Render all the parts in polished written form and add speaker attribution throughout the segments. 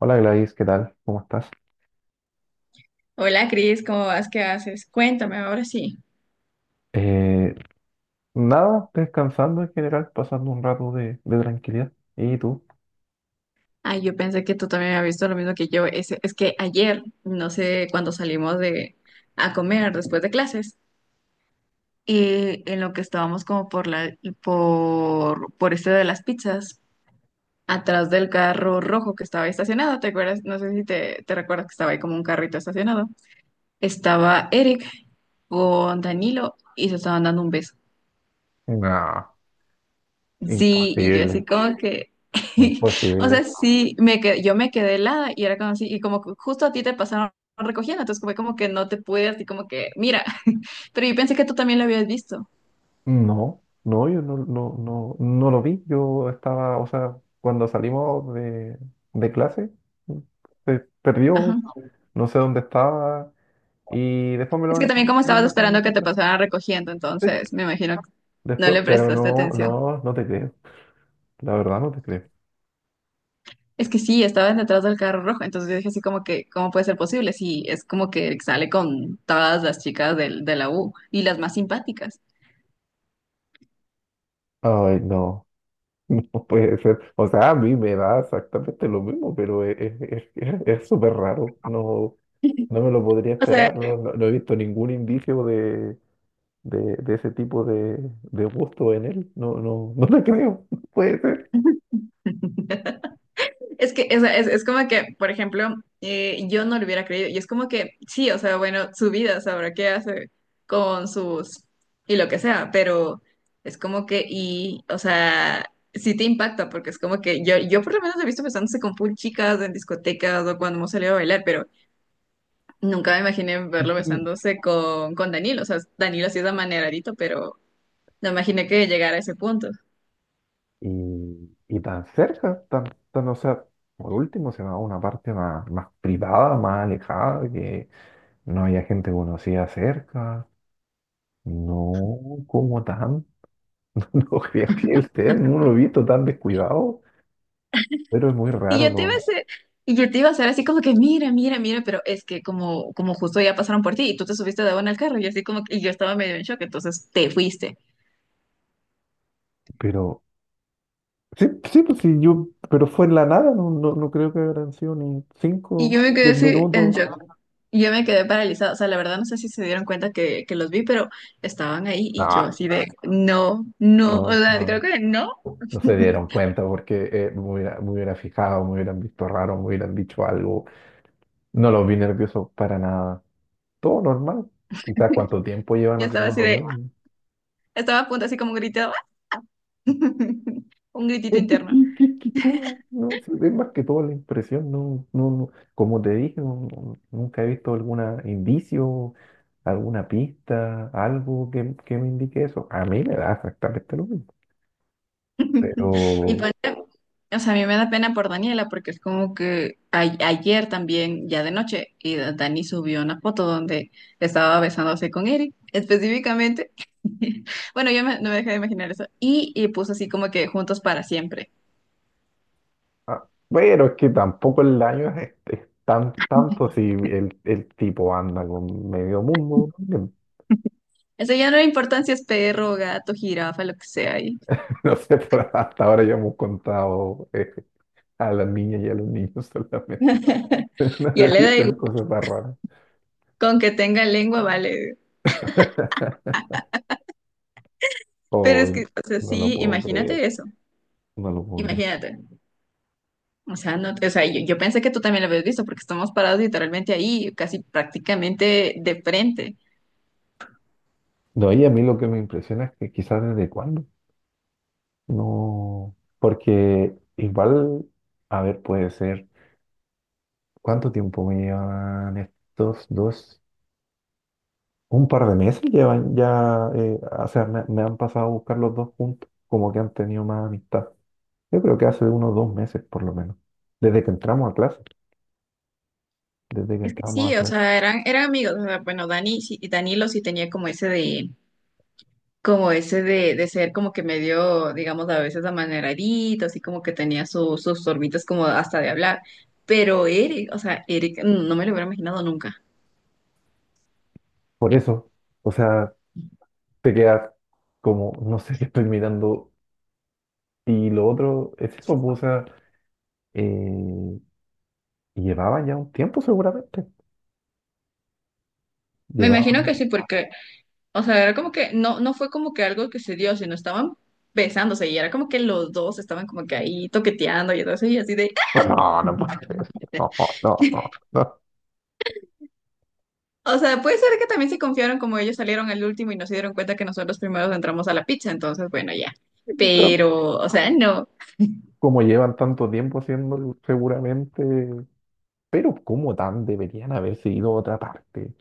Speaker 1: Hola Gladys, ¿qué tal? ¿Cómo estás?
Speaker 2: Hola Cris, ¿cómo vas? ¿Qué haces? Cuéntame ahora sí.
Speaker 1: Eh, nada, descansando en general, pasando un rato de tranquilidad. ¿Y tú?
Speaker 2: Ay, yo pensé que tú también habías visto lo mismo que yo. Es que ayer, no sé, cuando salimos de a comer después de clases, en lo que estábamos como por la por este de las pizzas, atrás del carro rojo que estaba ahí estacionado, ¿te acuerdas? No sé si te recuerdas que estaba ahí como un carrito estacionado. Estaba Eric con Danilo y se estaban dando un beso.
Speaker 1: No,
Speaker 2: Sí, y yo
Speaker 1: imposible,
Speaker 2: así como que, o
Speaker 1: imposible.
Speaker 2: sea, sí, me que yo me quedé helada y era como así, y como que justo a ti te pasaron recogiendo, entonces fue como que no te pude, así como que, mira, pero yo pensé que tú también lo habías visto.
Speaker 1: No, no, yo no lo vi. Yo estaba, o sea, cuando salimos de clase, se perdió,
Speaker 2: Ajá.
Speaker 1: no sé dónde estaba, y después me
Speaker 2: Es
Speaker 1: lo
Speaker 2: que también
Speaker 1: encontré.
Speaker 2: como estabas
Speaker 1: lo
Speaker 2: esperando que te
Speaker 1: encontré.
Speaker 2: pasaran recogiendo,
Speaker 1: Sí,
Speaker 2: entonces me imagino que no
Speaker 1: después,
Speaker 2: le
Speaker 1: pero
Speaker 2: prestaste
Speaker 1: no,
Speaker 2: atención.
Speaker 1: no te creo. La verdad no te creo.
Speaker 2: Es que sí, estaba detrás del carro rojo, entonces yo dije así como que, ¿cómo puede ser posible? Sí, es como que sale con todas las chicas de la U y las más simpáticas.
Speaker 1: Ay, no. No puede ser. O sea, a mí me da exactamente lo mismo, pero es súper raro. No, no me lo podría
Speaker 2: O sea.
Speaker 1: esperar. No, no he visto ningún indicio de ese tipo de gusto en él. No, no, no te creo. No puede ser.
Speaker 2: Es que es como que, por ejemplo, yo no lo hubiera creído. Y es como que, sí, o sea, bueno, su vida sabrá qué hace con sus y lo que sea, pero es como que, y, o sea, sí te impacta, porque es como que yo por lo menos lo he visto besándose con full chicas en discotecas o cuando hemos salido a bailar, pero nunca me imaginé verlo
Speaker 1: Y,
Speaker 2: besándose con Danilo. O sea, Danilo sí es amaneradito, pero no imaginé que llegara a ese punto.
Speaker 1: y tan cerca, tan, o sea, por último se va a una parte más privada, más alejada, que no haya gente conocida cerca. No, como tanto. No creo que él sea, no lo he visto tan descuidado, pero es muy
Speaker 2: Y
Speaker 1: raro,
Speaker 2: yo te iba a
Speaker 1: ¿no?
Speaker 2: hacer, y yo te iba a hacer así como que, mira, mira, mira, pero es que como, como justo ya pasaron por ti y tú te subiste de buena al carro y así como que, y yo estaba medio en shock, entonces te fuiste.
Speaker 1: Pero sí, sí, pues sí, yo, pero fue en la nada, no, no creo que habrán sido ni
Speaker 2: Y
Speaker 1: 5,
Speaker 2: yo me quedé
Speaker 1: diez
Speaker 2: así en
Speaker 1: minutos.
Speaker 2: shock. Y yo me quedé paralizada. O sea, la verdad no sé si se dieron cuenta que los vi, pero estaban ahí y yo
Speaker 1: No,
Speaker 2: así de, no, no, o
Speaker 1: no,
Speaker 2: sea, creo
Speaker 1: no,
Speaker 2: que no.
Speaker 1: no se dieron cuenta porque me hubiera fijado, me hubieran visto raro, me hubieran dicho algo. No los vi nerviosos para nada. Todo normal. Quizás cuánto tiempo llevan
Speaker 2: Yo estaba
Speaker 1: haciendo
Speaker 2: así
Speaker 1: lo
Speaker 2: de,
Speaker 1: mismo.
Speaker 2: estaba a punto así como un grito, un gritito
Speaker 1: ¿Este
Speaker 2: interno.
Speaker 1: ¿Qué, qué, qué- cómo? No, se ve más que todo la impresión, no, no, no. Como te dije, nunca he visto algún indicio, alguna pista, algo que me indique eso. A mí me da exactamente lo mismo. Pero,
Speaker 2: Y poner, o sea, a mí me da pena por Daniela porque es como que ayer también, ya de noche, y Dani subió una foto donde estaba besándose con Eric, específicamente. Bueno, no me dejé de imaginar eso. Y puso así como que juntos para siempre.
Speaker 1: ah, bueno, es que tampoco el daño es tan tanto si el tipo anda con medio mundo también.
Speaker 2: Eso ya no le importa si es perro, gato, jirafa, lo que sea. Y
Speaker 1: No sé, por hasta ahora ya hemos contado a las niñas y a los niños solamente. No
Speaker 2: ya
Speaker 1: he
Speaker 2: le da
Speaker 1: visto
Speaker 2: igual,
Speaker 1: en cosas tan raras.
Speaker 2: con que tenga lengua, vale. Pero es que,
Speaker 1: Oh,
Speaker 2: o sea,
Speaker 1: no lo
Speaker 2: sí,
Speaker 1: puedo creer,
Speaker 2: imagínate eso.
Speaker 1: no lo puedo creer.
Speaker 2: Imagínate. O sea, no, o sea, yo pensé que tú también lo habías visto porque estamos parados literalmente ahí, casi prácticamente de frente.
Speaker 1: No, y a mí lo que me impresiona es que quizás desde cuándo, no, porque igual, a ver, puede ser, ¿cuánto tiempo me llevan estos dos? Un par de meses llevan ya, o sea, me han pasado a buscar los dos juntos, como que han tenido más amistad. Yo creo que hace unos 2 meses por lo menos, desde que entramos a clase, desde que
Speaker 2: Es que
Speaker 1: entramos
Speaker 2: sí,
Speaker 1: a
Speaker 2: o
Speaker 1: clase.
Speaker 2: sea, eran amigos. O sea, bueno, Dani sí, y Danilo sí tenía como ese de ser como que medio, digamos, a veces amaneradito, así como que tenía sus sorbitas como hasta de hablar. Pero Eric, o sea, Eric, no me lo hubiera imaginado nunca.
Speaker 1: Por eso, o sea, te quedas como, no sé, estoy mirando. Y lo otro es eso, pues, o sea, eh, llevaba ya un tiempo seguramente.
Speaker 2: Me
Speaker 1: Llevaba.
Speaker 2: imagino que sí, porque o sea, era como que no, no fue como que algo que se dio, sino estaban besándose y era como que los dos estaban como que ahí toqueteando y entonces y así de...
Speaker 1: No, no
Speaker 2: "Ah".
Speaker 1: puede ser. No, no, no, no.
Speaker 2: O sea, puede ser que también se confiaron como ellos salieron al último y no se dieron cuenta que nosotros los primeros entramos a la pizza, entonces bueno, ya. Pero, o sea, no.
Speaker 1: Como llevan tanto tiempo haciéndolo, seguramente. Pero como tan deberían haberse ido a otra parte,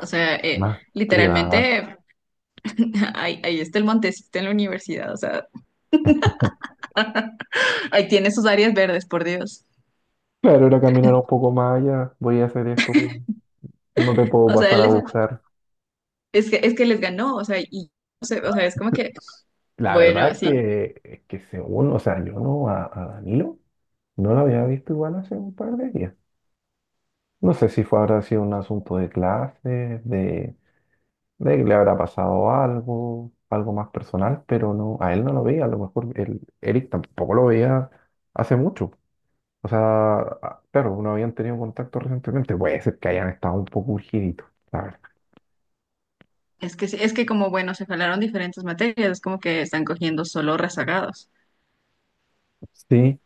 Speaker 2: O sea,
Speaker 1: más privada.
Speaker 2: literalmente ahí está el Montecito en la universidad, o sea, ahí tiene sus áreas verdes, por Dios.
Speaker 1: Claro, era caminar un poco más allá. Voy a hacer esto, no te puedo
Speaker 2: O sea,
Speaker 1: pasar
Speaker 2: él
Speaker 1: a buscar.
Speaker 2: es que les ganó, o sea, y, o sea, es como que,
Speaker 1: La verdad
Speaker 2: bueno,
Speaker 1: es
Speaker 2: sí.
Speaker 1: que, es que según, o sea, yo no a Danilo no lo había visto igual hace un par de días. No sé si fue, habrá sido un asunto de clase, de que le habrá pasado algo, algo más personal, pero no, a él no lo veía, a lo mejor el Eric tampoco lo veía hace mucho. O sea, claro, no habían tenido contacto recientemente, puede ser que hayan estado un poco urgiditos, la verdad.
Speaker 2: Es que como, bueno, se jalaron diferentes materias, es como que están cogiendo solo rezagados
Speaker 1: Sí,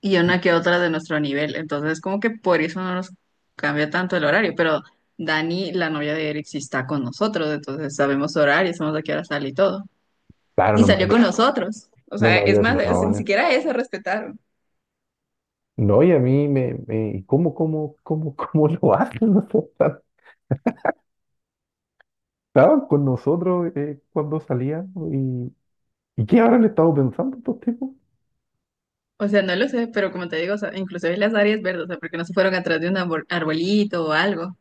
Speaker 2: y una que otra de nuestro nivel. Entonces, como que por eso no nos cambia tanto el horario. Pero Dani, la novia de Eric, sí está con nosotros, entonces sabemos su horario, sabemos a qué hora sale y todo.
Speaker 1: claro,
Speaker 2: Y
Speaker 1: no me
Speaker 2: salió
Speaker 1: había,
Speaker 2: con nosotros. O
Speaker 1: no
Speaker 2: sea,
Speaker 1: me
Speaker 2: es
Speaker 1: había
Speaker 2: más,
Speaker 1: fijado en
Speaker 2: ni
Speaker 1: eso.
Speaker 2: siquiera eso respetaron.
Speaker 1: No, y a mí ¿y cómo lo hacen? O sea, está- estaban con nosotros cuando salían ¿no? ¿Y qué habrán estado pensando estos tipos?
Speaker 2: O sea, no lo sé, pero como te digo, o sea, inclusive las áreas verdes, o sea, porque no se fueron atrás de un arbolito o algo.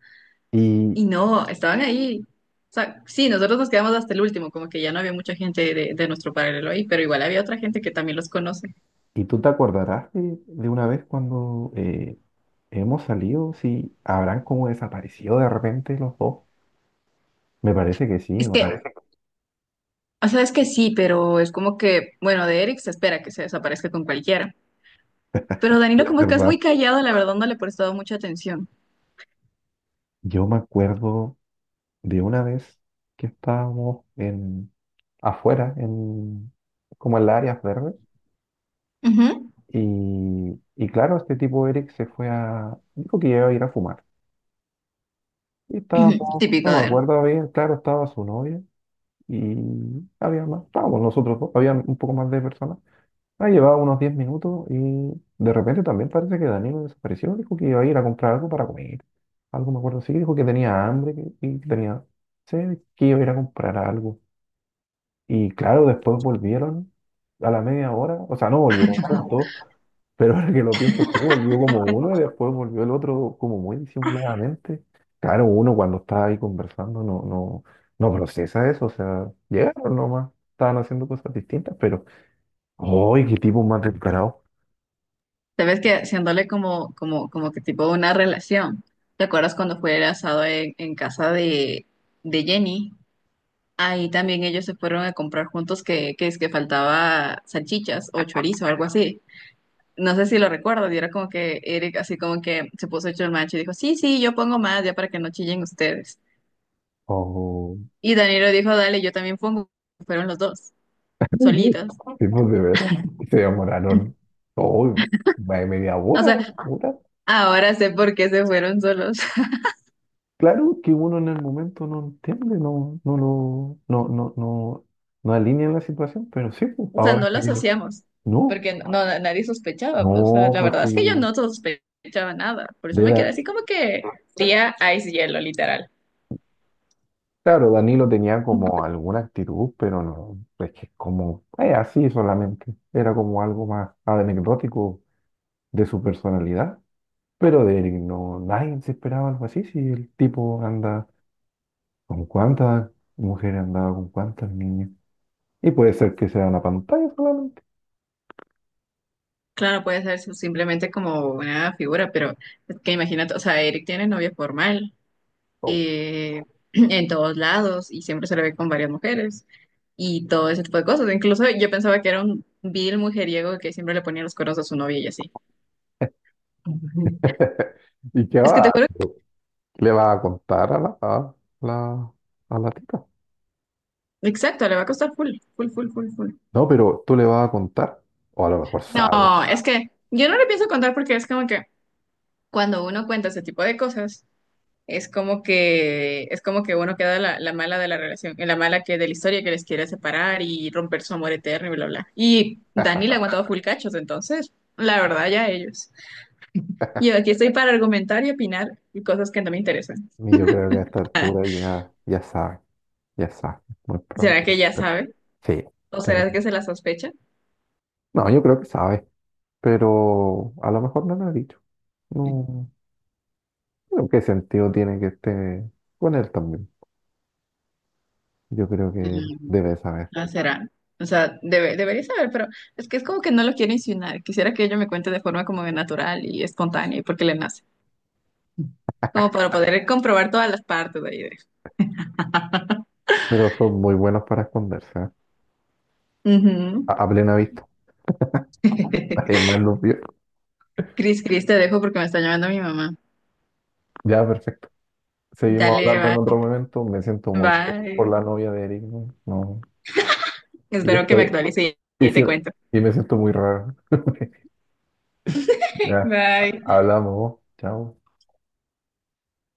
Speaker 1: Y,
Speaker 2: Y no, estaban ahí. O sea, sí, nosotros nos quedamos hasta el último, como que ya no había mucha gente de nuestro paralelo ahí, pero igual había otra gente que también los conoce.
Speaker 1: y tú te acordarás de una vez cuando hemos salido, si habrán como desaparecido de repente los dos. Me parece que sí,
Speaker 2: Es
Speaker 1: ¿o
Speaker 2: que,
Speaker 1: no?
Speaker 2: o sea, es que sí, pero es como que, bueno, de Eric se espera que se desaparezca con cualquiera. Pero Danilo, como que es
Speaker 1: ¿Verdad?
Speaker 2: muy callado, la verdad no le he prestado mucha atención.
Speaker 1: Yo me acuerdo de una vez que estábamos afuera, como en las áreas verdes,
Speaker 2: Ujú.
Speaker 1: y claro, este tipo Eric dijo que iba a ir a fumar. Y estábamos, no
Speaker 2: Típico
Speaker 1: me
Speaker 2: de él.
Speaker 1: acuerdo bien, claro, estaba su novia y había más, estábamos nosotros dos, había un poco más de personas. Ah, llevaba unos 10 minutos y de repente también parece que Danilo desapareció. Dijo que iba a ir a comprar algo para comer. Algo me acuerdo, sí, dijo que tenía hambre y que tenía sed, que iba a ir a comprar algo. Y claro, después volvieron a la media hora, o sea, no volvieron juntos, pero ahora que lo pienso, sí, volvió como uno y después volvió el otro como muy disimuladamente. Claro, uno cuando está ahí conversando no procesa eso, o sea, llegaron nomás, estaban haciendo cosas distintas, pero ¡ay, qué tipo más descarado!
Speaker 2: Sabes que haciéndole como como que tipo una relación. ¿Te acuerdas cuando fue el asado en casa de Jenny? Ahí también ellos se fueron a comprar juntos que es que faltaba salchichas o chorizo o algo así. No sé si lo recuerdo, y era como que Eric así como que se puso hecho el macho y dijo, sí, sí, yo pongo más ya para que no chillen ustedes.
Speaker 1: Oh.
Speaker 2: Y Danilo dijo, dale, yo también pongo. Fueron los dos, solitos.
Speaker 1: Tipo de veras. Se demoraron todo, más de media
Speaker 2: O
Speaker 1: hora,
Speaker 2: sea,
Speaker 1: hora.
Speaker 2: ahora sé por qué se fueron solos.
Speaker 1: Claro que uno en el momento no entiende, no, no lo, no, no, no, no alinea la situación, pero sí, pues,
Speaker 2: O sea,
Speaker 1: ahora
Speaker 2: no lo
Speaker 1: que
Speaker 2: asociamos,
Speaker 1: no,
Speaker 2: porque no, no, nadie sospechaba, pues, o sea,
Speaker 1: no,
Speaker 2: la
Speaker 1: pues
Speaker 2: verdad es que yo
Speaker 1: sí.
Speaker 2: no sospechaba nada. Por eso
Speaker 1: De
Speaker 2: me quedé
Speaker 1: la-
Speaker 2: así como que tía ice hielo, literal.
Speaker 1: claro, Danilo tenía como alguna actitud, pero no, es que como, así solamente. Era como algo más anecdótico de su personalidad. Pero de él no, nadie se esperaba algo así, si el tipo anda. ¿Con cuántas mujeres andaba? ¿Con cuántos niños? Y puede ser que sea una pantalla solamente.
Speaker 2: Claro, puede ser simplemente como una figura, pero es que imagínate, o sea, Eric tiene novia formal,
Speaker 1: Oh.
Speaker 2: eh, en todos lados y siempre se le ve con varias mujeres y todo ese tipo de cosas. Incluso yo pensaba que era un vil mujeriego que siempre le ponía los cuernos a su novia y así. Ujú.
Speaker 1: ¿Y qué
Speaker 2: Es que
Speaker 1: va?
Speaker 2: te juro,
Speaker 1: ¿Qué ¿Le vas a contar a la, la tipa?
Speaker 2: exacto, le va a costar full, full, full, full, full.
Speaker 1: No, pero tú le vas a contar, o a lo mejor
Speaker 2: No,
Speaker 1: sabe.
Speaker 2: es que yo no le pienso contar porque es como que cuando uno cuenta ese tipo de cosas, es como que uno queda la mala de la relación, la mala que de la historia que les quiere separar y romper su amor eterno y bla, bla. Y Dani le ha aguantado full cachos, entonces, la verdad, ya ellos. Yo aquí estoy para argumentar y opinar y cosas que no me interesan.
Speaker 1: Y yo creo que a esta altura ya sabe, muy probable.
Speaker 2: ¿Será que ya sabe?
Speaker 1: Sí,
Speaker 2: ¿O
Speaker 1: tiene.
Speaker 2: será que se la sospecha?
Speaker 1: No, yo creo que sabe, pero a lo mejor no lo ha dicho. No, pero ¿qué sentido tiene que esté con él también? Yo creo que
Speaker 2: Mm,
Speaker 1: debe saber.
Speaker 2: no será. O sea, debería saber, pero es que es como que no lo quiere insinuar. Quisiera que ella me cuente de forma como natural y espontánea y porque le nace. Como para poder comprobar todas las partes de ahí. De-
Speaker 1: Pero son muy buenos para esconderse, ¿eh?
Speaker 2: Ujú.
Speaker 1: A plena vista. Nadie más los vio.
Speaker 2: Cris, Cris, te dejo porque me está llamando mi mamá.
Speaker 1: Ya, perfecto. Seguimos
Speaker 2: Dale,
Speaker 1: hablando en
Speaker 2: bye,
Speaker 1: otro momento. Me siento muy mal por
Speaker 2: bye.
Speaker 1: la novia de Eric, güey. No. Y
Speaker 2: Espero que me
Speaker 1: estoy.
Speaker 2: actualice
Speaker 1: Y,
Speaker 2: y
Speaker 1: sí-
Speaker 2: te cuento.
Speaker 1: y me siento muy raro. Ya,
Speaker 2: Bye.
Speaker 1: hablamos, ¿no? Chao.